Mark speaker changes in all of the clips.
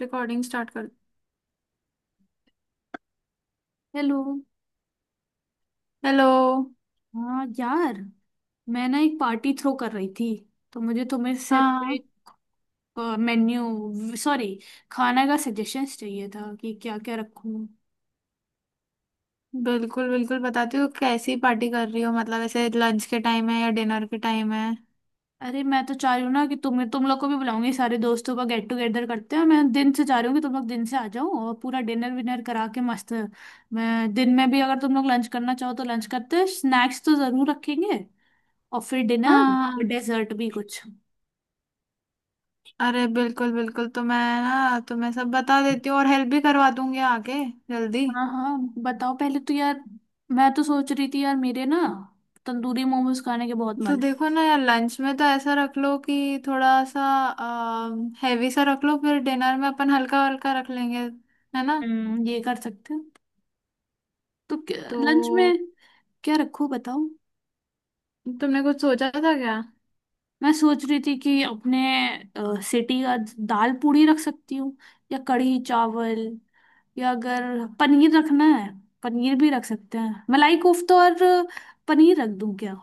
Speaker 1: Recording start कर।
Speaker 2: Hello.
Speaker 1: Hello.
Speaker 2: हाँ यार, मैं ना एक पार्टी थ्रो कर रही थी। तो मुझे तुम्हें से
Speaker 1: हाँ।
Speaker 2: थोड़े मेन्यू, सॉरी, खाना का सजेशंस चाहिए था कि क्या क्या रखूं।
Speaker 1: बिल्कुल बिल्कुल, बताती हूँ। कैसी पार्टी कर रही हो? मतलब ऐसे लंच के टाइम है या डिनर के टाइम है?
Speaker 2: अरे मैं तो चाह रही हूँ ना कि तुम लोग को भी बुलाऊंगी, सारे दोस्तों का गेट टुगेदर करते हैं। मैं दिन से चाह रही हूँ कि तुम लोग दिन से आ जाओ और पूरा डिनर विनर करा के मस्त। मैं दिन में भी, अगर तुम लोग लंच करना चाहो तो लंच करते हैं, स्नैक्स तो जरूर रखेंगे और फिर डिनर और
Speaker 1: हाँ।
Speaker 2: डेजर्ट भी कुछ।
Speaker 1: अरे बिल्कुल बिल्कुल, तो मैं ना तुम्हें सब बता देती हूँ और हेल्प भी करवा दूंगी आके। जल्दी।
Speaker 2: हाँ हाँ, बताओ पहले तो यार। मैं तो सोच रही थी यार, मेरे ना तंदूरी मोमोज खाने के बहुत
Speaker 1: तो
Speaker 2: मन है।
Speaker 1: देखो ना यार, लंच में तो ऐसा रख लो कि थोड़ा सा हैवी सा रख लो, फिर डिनर में अपन हल्का हल्का रख लेंगे, है ना।
Speaker 2: हम्म, ये कर सकते हैं। तो
Speaker 1: तो
Speaker 2: लंच में क्या रखूं बताओ।
Speaker 1: तुमने कुछ सोचा था क्या?
Speaker 2: मैं सोच रही थी कि अपने सिटी का दाल पूड़ी रख सकती हूँ, या कढ़ी चावल, या अगर पनीर रखना है, पनीर भी रख सकते हैं, मलाई कोफ्ता। और पनीर रख दूं क्या।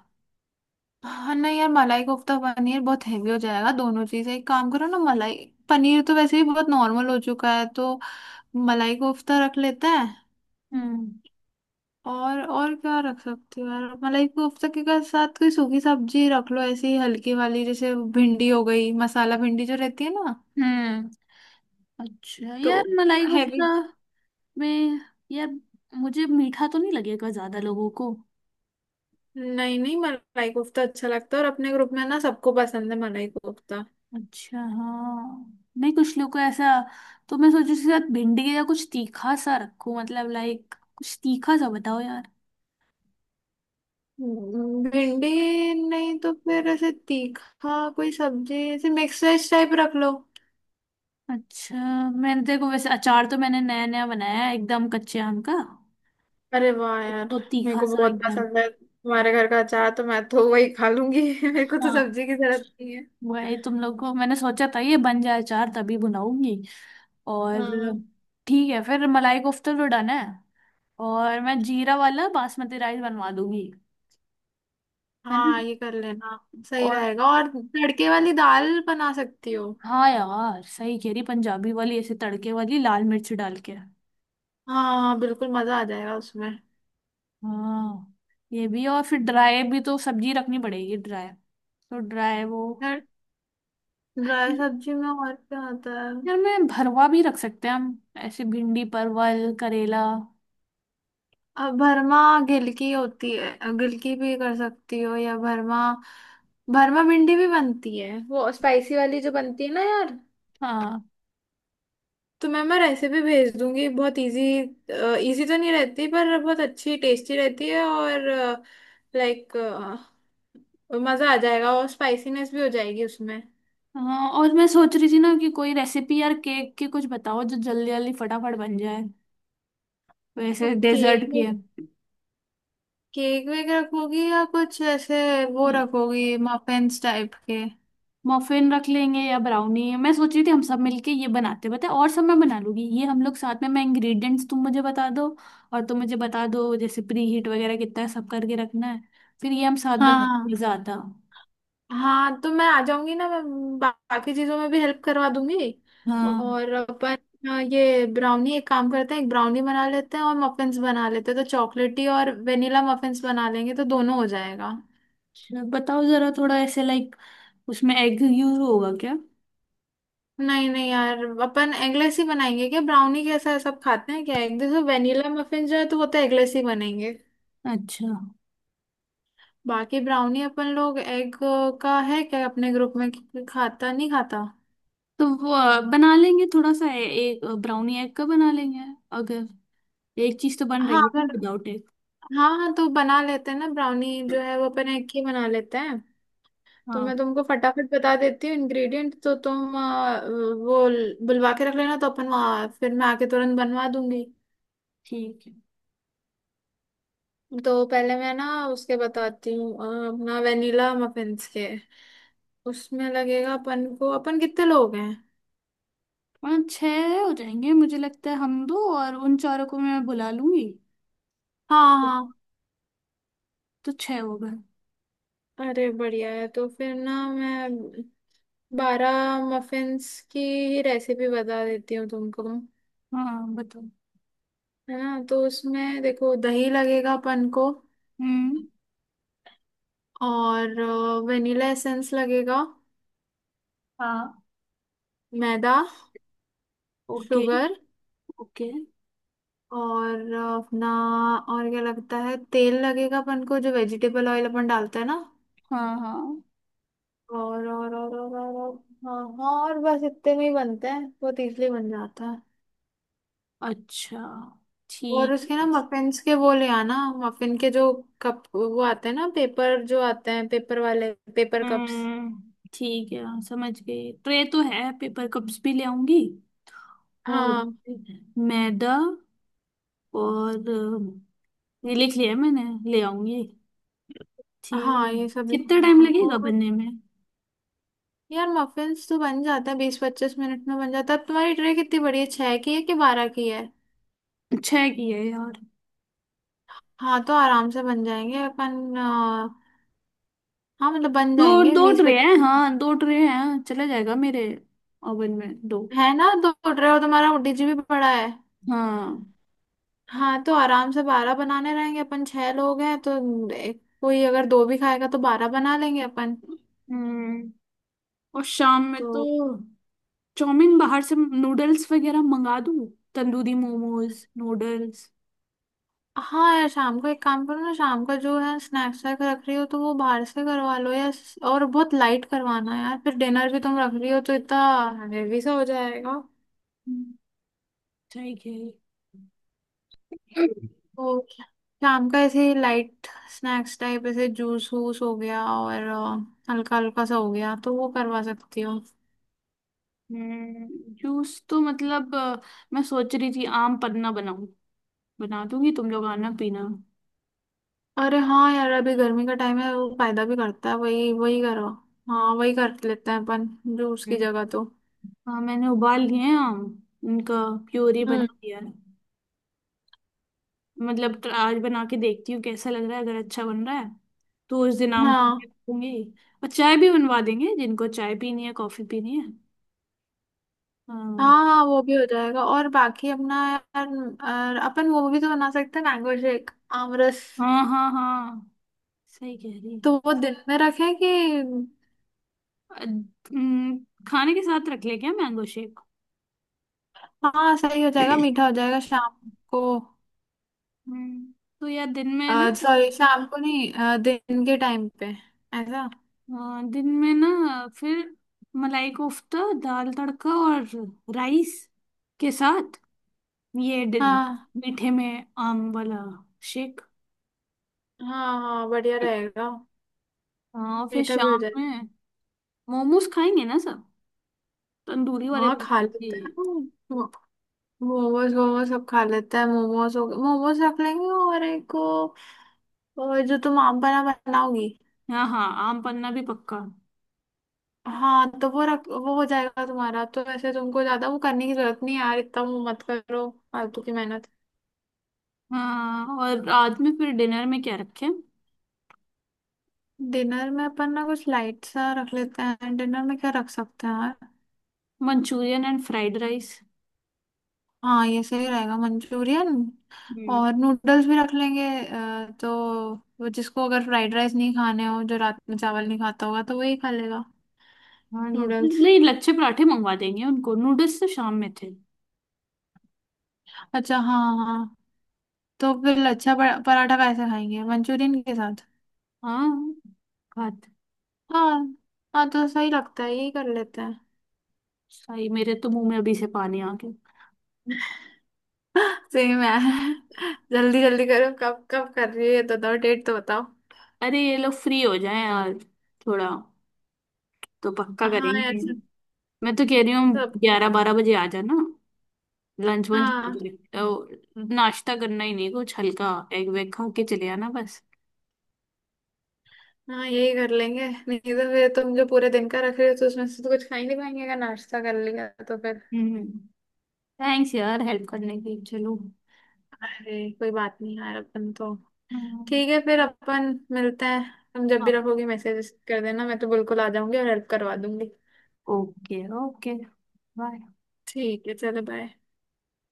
Speaker 1: हाँ, नहीं यार, मलाई कोफ्ता पनीर बहुत हेवी हो जाएगा दोनों चीजें। एक काम करो ना, मलाई पनीर तो वैसे भी बहुत नॉर्मल हो चुका है, तो मलाई कोफ्ता रख लेते हैं।
Speaker 2: हम्म।
Speaker 1: और क्या रख सकते हो यार? मलाई कोफ्ता के साथ कोई सूखी सब्जी रख लो, ऐसी हल्की वाली, जैसे भिंडी हो गई, मसाला भिंडी जो रहती है ना।
Speaker 2: हम्म। अच्छा
Speaker 1: तो
Speaker 2: यार, मलाई
Speaker 1: हैवी।
Speaker 2: कोफ्ता। मैं, यार, मुझे मीठा तो नहीं लगेगा ज्यादा लोगों को।
Speaker 1: नहीं नहीं, मलाई कोफ्ता अच्छा लगता है, और अपने ग्रुप में ना सबको पसंद है मलाई कोफ्ता।
Speaker 2: अच्छा, हाँ, नहीं कुछ लोग को ऐसा। तो मैं सोची उसके साथ भिंडी या कुछ तीखा सा रखूं, मतलब लाइक कुछ तीखा सा बताओ यार।
Speaker 1: भिंडी, नहीं तो फिर ऐसे तीखा कोई सब्जी ऐसे मिक्स वेज टाइप रख लो।
Speaker 2: अच्छा। मैंने देखो वैसे अचार तो मैंने नया नया बनाया है, एकदम कच्चे आम का।
Speaker 1: अरे वाह यार।
Speaker 2: तो
Speaker 1: मेरे
Speaker 2: तीखा
Speaker 1: को
Speaker 2: सा
Speaker 1: बहुत
Speaker 2: एकदम।
Speaker 1: पसंद है तुम्हारे घर का अचार, तो मैं तो वही खा लूंगी। मेरे को तो
Speaker 2: हाँ,
Speaker 1: सब्जी की जरूरत नहीं है।
Speaker 2: वही तुम लोग को मैंने सोचा था ये बन जाए अचार तभी बनाऊंगी। और
Speaker 1: हाँ
Speaker 2: ठीक है फिर, मलाई कोफ्ता तो डन है। और मैं जीरा वाला बासमती राइस बनवा दूंगी, है ना।
Speaker 1: हाँ, ये कर लेना। सही
Speaker 2: और
Speaker 1: रहेगा, और तड़के वाली दाल बना सकती हो।
Speaker 2: हाँ यार, सही कह रही, पंजाबी वाली ऐसे तड़के वाली लाल मिर्च डाल के।
Speaker 1: हाँ हाँ बिल्कुल, मजा आ जाएगा उसमें।
Speaker 2: हाँ, ये भी, और फिर ड्राई भी तो सब्जी रखनी पड़ेगी ड्राई। तो ड्राई वो,
Speaker 1: फिर ड्राई सब्जी में और क्या आता है?
Speaker 2: यार, मैं भरवा भी रख सकते हैं हम, ऐसे भिंडी परवल करेला।
Speaker 1: अब भरमा गिलकी होती है, गिलकी भी कर सकती हो, या भरमा। भरमा भिंडी भी बनती है वो स्पाइसी वाली जो बनती है ना यार।
Speaker 2: हाँ
Speaker 1: तो मैं रेसिपी भेज दूंगी, बहुत इजी। इजी तो नहीं रहती पर बहुत अच्छी टेस्टी रहती है, और लाइक मजा आ जाएगा, और स्पाइसीनेस भी हो जाएगी उसमें।
Speaker 2: हाँ। और मैं सोच रही थी ना कि कोई रेसिपी यार केक की कुछ बताओ जो जल्दी जल्दी फटाफट बन जाए,
Speaker 1: तो
Speaker 2: वैसे
Speaker 1: केक
Speaker 2: डेजर्ट की
Speaker 1: में,
Speaker 2: है।
Speaker 1: केक वेक रखोगी या कुछ ऐसे वो रखोगी, मफिन्स टाइप के?
Speaker 2: मफिन रख लेंगे या ब्राउनी, मैं सोच रही थी हम सब मिलके ये बनाते हैं, पता है, और सब मैं बना लूंगी, ये हम लोग साथ में। मैं इंग्रेडिएंट्स तुम मुझे बता दो, और तुम मुझे बता दो जैसे प्री हीट वगैरह कितना सब करके रखना है, फिर ये हम साथ
Speaker 1: हाँ
Speaker 2: बनाते हैं
Speaker 1: हाँ।
Speaker 2: ज्यादा।
Speaker 1: हाँ, तो मैं आ जाऊंगी ना, मैं बाकी चीजों में भी हेल्प करवा दूंगी।
Speaker 2: हाँ।
Speaker 1: और अपन, ये ब्राउनी, एक काम करते हैं, एक ब्राउनी बना लेते हैं और मफिन्स बना लेते हैं, तो चॉकलेटी और वेनिला मफिन्स बना लेंगे, तो दोनों हो जाएगा।
Speaker 2: चलो, बताओ जरा थोड़ा ऐसे लाइक, उसमें एग यूज होगा क्या।
Speaker 1: नहीं नहीं यार, अपन एगलेस ही बनाएंगे क्या ब्राउनी? कैसा है, सब खाते हैं क्या? एक देखो, वेनिला मफिन जो है तो वो तो एगलेस ही बनेंगे।
Speaker 2: अच्छा,
Speaker 1: बाकी ब्राउनी अपन लोग एग का है क्या अपने ग्रुप में कि खाता नहीं खाता?
Speaker 2: तो वो बना लेंगे थोड़ा सा, एक ब्राउनी एग का बना लेंगे, अगर। एक चीज तो बन
Speaker 1: हाँ
Speaker 2: रही है
Speaker 1: अगर,
Speaker 2: विदाउट एग।
Speaker 1: हाँ हाँ, तो बना लेते हैं ना, ब्राउनी जो है वो अपन एक ही बना लेते हैं। तो
Speaker 2: हाँ,
Speaker 1: मैं तुमको फटाफट बता देती हूँ इंग्रेडिएंट, तो तुम वो बुलवा के रख लेना, तो अपन वहाँ फिर मैं आके तुरंत बनवा दूंगी।
Speaker 2: ठीक है।
Speaker 1: तो पहले मैं ना उसके बताती हूँ, अपना वेनिला मफिन्स के उसमें लगेगा अपन को। अपन कितने लोग हैं?
Speaker 2: 5-6 हो जाएंगे मुझे लगता है, हम दो और उन चारों को मैं बुला लूंगी,
Speaker 1: हाँ हाँ।
Speaker 2: तो 6 हो गए।
Speaker 1: अरे बढ़िया है, तो फिर ना मैं 12 मफिन्स की रेसिपी बता देती हूँ तुमको।
Speaker 2: हाँ बताओ।
Speaker 1: है ना? तो उसमें देखो, दही लगेगा अपन को।
Speaker 2: हम्म।
Speaker 1: और वेनिला एसेंस लगेगा,
Speaker 2: हाँ।
Speaker 1: मैदा,
Speaker 2: ओके।
Speaker 1: Sugar,
Speaker 2: okay.
Speaker 1: और अपना और क्या लगता है, तेल लगेगा अपन को जो वेजिटेबल ऑयल अपन डालते हैं ना।
Speaker 2: हाँ हाँ।
Speaker 1: और हाँ हाँ, और बस इतने में ही बनते हैं, बहुत इजली बन जाता है।
Speaker 2: अच्छा।
Speaker 1: और
Speaker 2: ठीक।
Speaker 1: उसके ना मफिन्स के वो ले आना, मफिन के जो कप वो आते हैं ना, पेपर जो आते हैं, पेपर वाले, पेपर कप्स।
Speaker 2: हम्म, ठीक है, हाँ, समझ गई, ट्रे तो है, पेपर कप्स भी ले आऊंगी। और
Speaker 1: हाँ
Speaker 2: मैदा, और ये लिख लिया है मैंने, ले आऊंगी, ठीक
Speaker 1: हाँ,
Speaker 2: है।
Speaker 1: ये सब
Speaker 2: कितना
Speaker 1: लेना
Speaker 2: टाइम लगेगा बनने में।
Speaker 1: यार। मफिन्स तो बन जाता है, 20-25 मिनट में बन जाता है। अब तुम्हारी ट्रे कितनी बड़ी है, 6 की है कि 12 की है?
Speaker 2: छः की है यार।
Speaker 1: हाँ तो आराम से बन जाएंगे अपन, हाँ मतलब बन
Speaker 2: दो
Speaker 1: जाएंगे
Speaker 2: दो
Speaker 1: बीस
Speaker 2: ट्रे हैं,
Speaker 1: पच्चीस
Speaker 2: हाँ, दो ट्रे हैं, चला जाएगा मेरे ओवन में, दो।
Speaker 1: है ना, 2 ट्रे, और तुम्हारा डीजी भी बड़ा है।
Speaker 2: हाँ।
Speaker 1: हाँ, तो आराम से 12 बनाने रहेंगे अपन, 6 लोग हैं तो। कोई अगर दो भी खाएगा तो 12 बना लेंगे अपन।
Speaker 2: हम्म। और शाम में
Speaker 1: तो
Speaker 2: तो चाउमीन बाहर से, नूडल्स वगैरह मंगा दूँ, तंदूरी मोमोज नूडल्स।
Speaker 1: हाँ यार, शाम को एक काम करो ना, शाम का जो है स्नैक्स वैक रख रही हो, तो वो बाहर से करवा लो यार। और बहुत लाइट करवाना यार, फिर डिनर भी तुम रख रही हो, तो इतना हेवी सा हो जाएगा।
Speaker 2: हम्म, ठीक है।
Speaker 1: तो शाम का ऐसे लाइट स्नैक्स टाइप, ऐसे जूस वूस हो गया और हल्का हल्का सा हो गया, तो वो करवा सकती हो।
Speaker 2: हम्म, जूस तो मतलब मैं सोच रही थी आम पन्ना बनाऊं, बना दूंगी, तुम लोग आना पीना।
Speaker 1: अरे हाँ यार, अभी गर्मी का टाइम है, वो फायदा भी करता है। वही वही करो। हाँ, वही कर लेते हैं अपन, जूस की
Speaker 2: हम्म।
Speaker 1: जगह तो।
Speaker 2: हाँ, मैंने उबाल लिए हैं आम, उनका प्योरी बना
Speaker 1: हम्म।
Speaker 2: दिया है। मतलब आज बना के देखती हूँ कैसा लग रहा है, अगर अच्छा बन रहा है तो उस दिन आम बना
Speaker 1: हाँ
Speaker 2: के रखूंगी। और चाय भी बनवा देंगे, जिनको चाय पीनी है कॉफी पीनी है। हाँ
Speaker 1: हाँ हाँ, वो भी हो जाएगा, और बाकी अपना यार। और अपन वो भी तो बना सकते हैं, मैंगो शेक, आमरस।
Speaker 2: हाँ हाँ। हाँ सही कह रही है।
Speaker 1: तो वो दिन में रखें कि?
Speaker 2: अ, हम्म, खाने के साथ रख ले क्या मैंगो शेक।
Speaker 1: हाँ, सही हो जाएगा, मीठा हो जाएगा शाम को।
Speaker 2: हम्म, तो यार दिन में ना,
Speaker 1: सॉरी, शाम को नहीं, दिन के टाइम पे, ऐसा।
Speaker 2: हाँ, दिन में ना फिर मलाई कोफ्ता, दाल तड़का और राइस के साथ, ये
Speaker 1: हाँ
Speaker 2: मीठे में आम वाला शेक।
Speaker 1: हाँ हाँ, बढ़िया रहेगा,
Speaker 2: हाँ। और फिर
Speaker 1: मीठा भी हो
Speaker 2: शाम
Speaker 1: जाएगा।
Speaker 2: में मोमोज खाएंगे ना सब, तंदूरी वाले
Speaker 1: हाँ खा
Speaker 2: बनाएंगे।
Speaker 1: लेते हैं, मो- मोमोज वोमोज सब खा लेते हैं, मोमोज हो मोमोज रख लेंगे, और एक वो, जो तुम आप बना बनाओगी।
Speaker 2: हाँ हाँ, आम पन्ना भी पक्का।
Speaker 1: हाँ, तो वो रख, वो हो जाएगा तुम्हारा तो। ऐसे तुमको ज्यादा वो करने की जरूरत नहीं है यार, इतना वो मत करो, फालतू की मेहनत।
Speaker 2: हाँ। और आज में फिर डिनर में क्या रखें।
Speaker 1: डिनर में अपन ना कुछ लाइट सा रख लेते हैं। डिनर में क्या रख सकते हैं यार?
Speaker 2: Manchurian and fried rice.
Speaker 1: हाँ, ये सही रहेगा मंचूरियन।
Speaker 2: हम्म।
Speaker 1: और नूडल्स भी रख लेंगे, तो वो, जिसको अगर फ्राइड राइस नहीं खाने हो, जो रात में चावल नहीं खाता होगा, तो वही खा लेगा।
Speaker 2: हाँ, नूडल्स
Speaker 1: नूडल्स।
Speaker 2: नहीं, लच्छे पराठे मंगवा देंगे उनको, नूडल्स तो शाम में थे।
Speaker 1: अच्छा हाँ हाँ, तो फिर लच्छा पराठा कैसे खाएंगे मंचूरियन के साथ?
Speaker 2: हाँ खाते।
Speaker 1: हाँ हाँ, तो सही लगता है, यही कर लेते हैं।
Speaker 2: भाई, मेरे तो मुंह में अभी से पानी आ गया।
Speaker 1: सही में। जल्दी जल्दी करो, कब कब कर रही है ये, तो 2 डेट तो बताओ।
Speaker 2: अरे ये लोग फ्री हो जाए यार थोड़ा, तो पक्का
Speaker 1: हाँ यार
Speaker 2: करेंगे।
Speaker 1: सब,
Speaker 2: मैं तो कह रही
Speaker 1: सब।
Speaker 2: हूँ 11-12 बजे आ जाना, लंच वंच।
Speaker 1: हाँ
Speaker 2: ओ, नाश्ता करना ही नहीं, कुछ हल्का एग वेग खा के चले आना बस।
Speaker 1: हाँ, यही कर लेंगे, नहीं तो फिर तुम जो पूरे दिन का रख रहे हो, तो उसमें से तो कुछ खा ही नहीं पाएंगे, अगर नाश्ता कर लिया तो फिर।
Speaker 2: हम्म। थैंक्स यार हेल्प करने के लिए। चलो।
Speaker 1: अरे कोई बात नहीं यार, अपन तो।
Speaker 2: हम्म।
Speaker 1: ठीक है, फिर अपन मिलते हैं। तुम जब भी
Speaker 2: हाँ।
Speaker 1: रखोगी मैसेज कर देना, मैं तो बिल्कुल आ जाऊंगी और हेल्प करवा दूंगी।
Speaker 2: ओके। ओके। बाय।
Speaker 1: ठीक है, चलो बाय।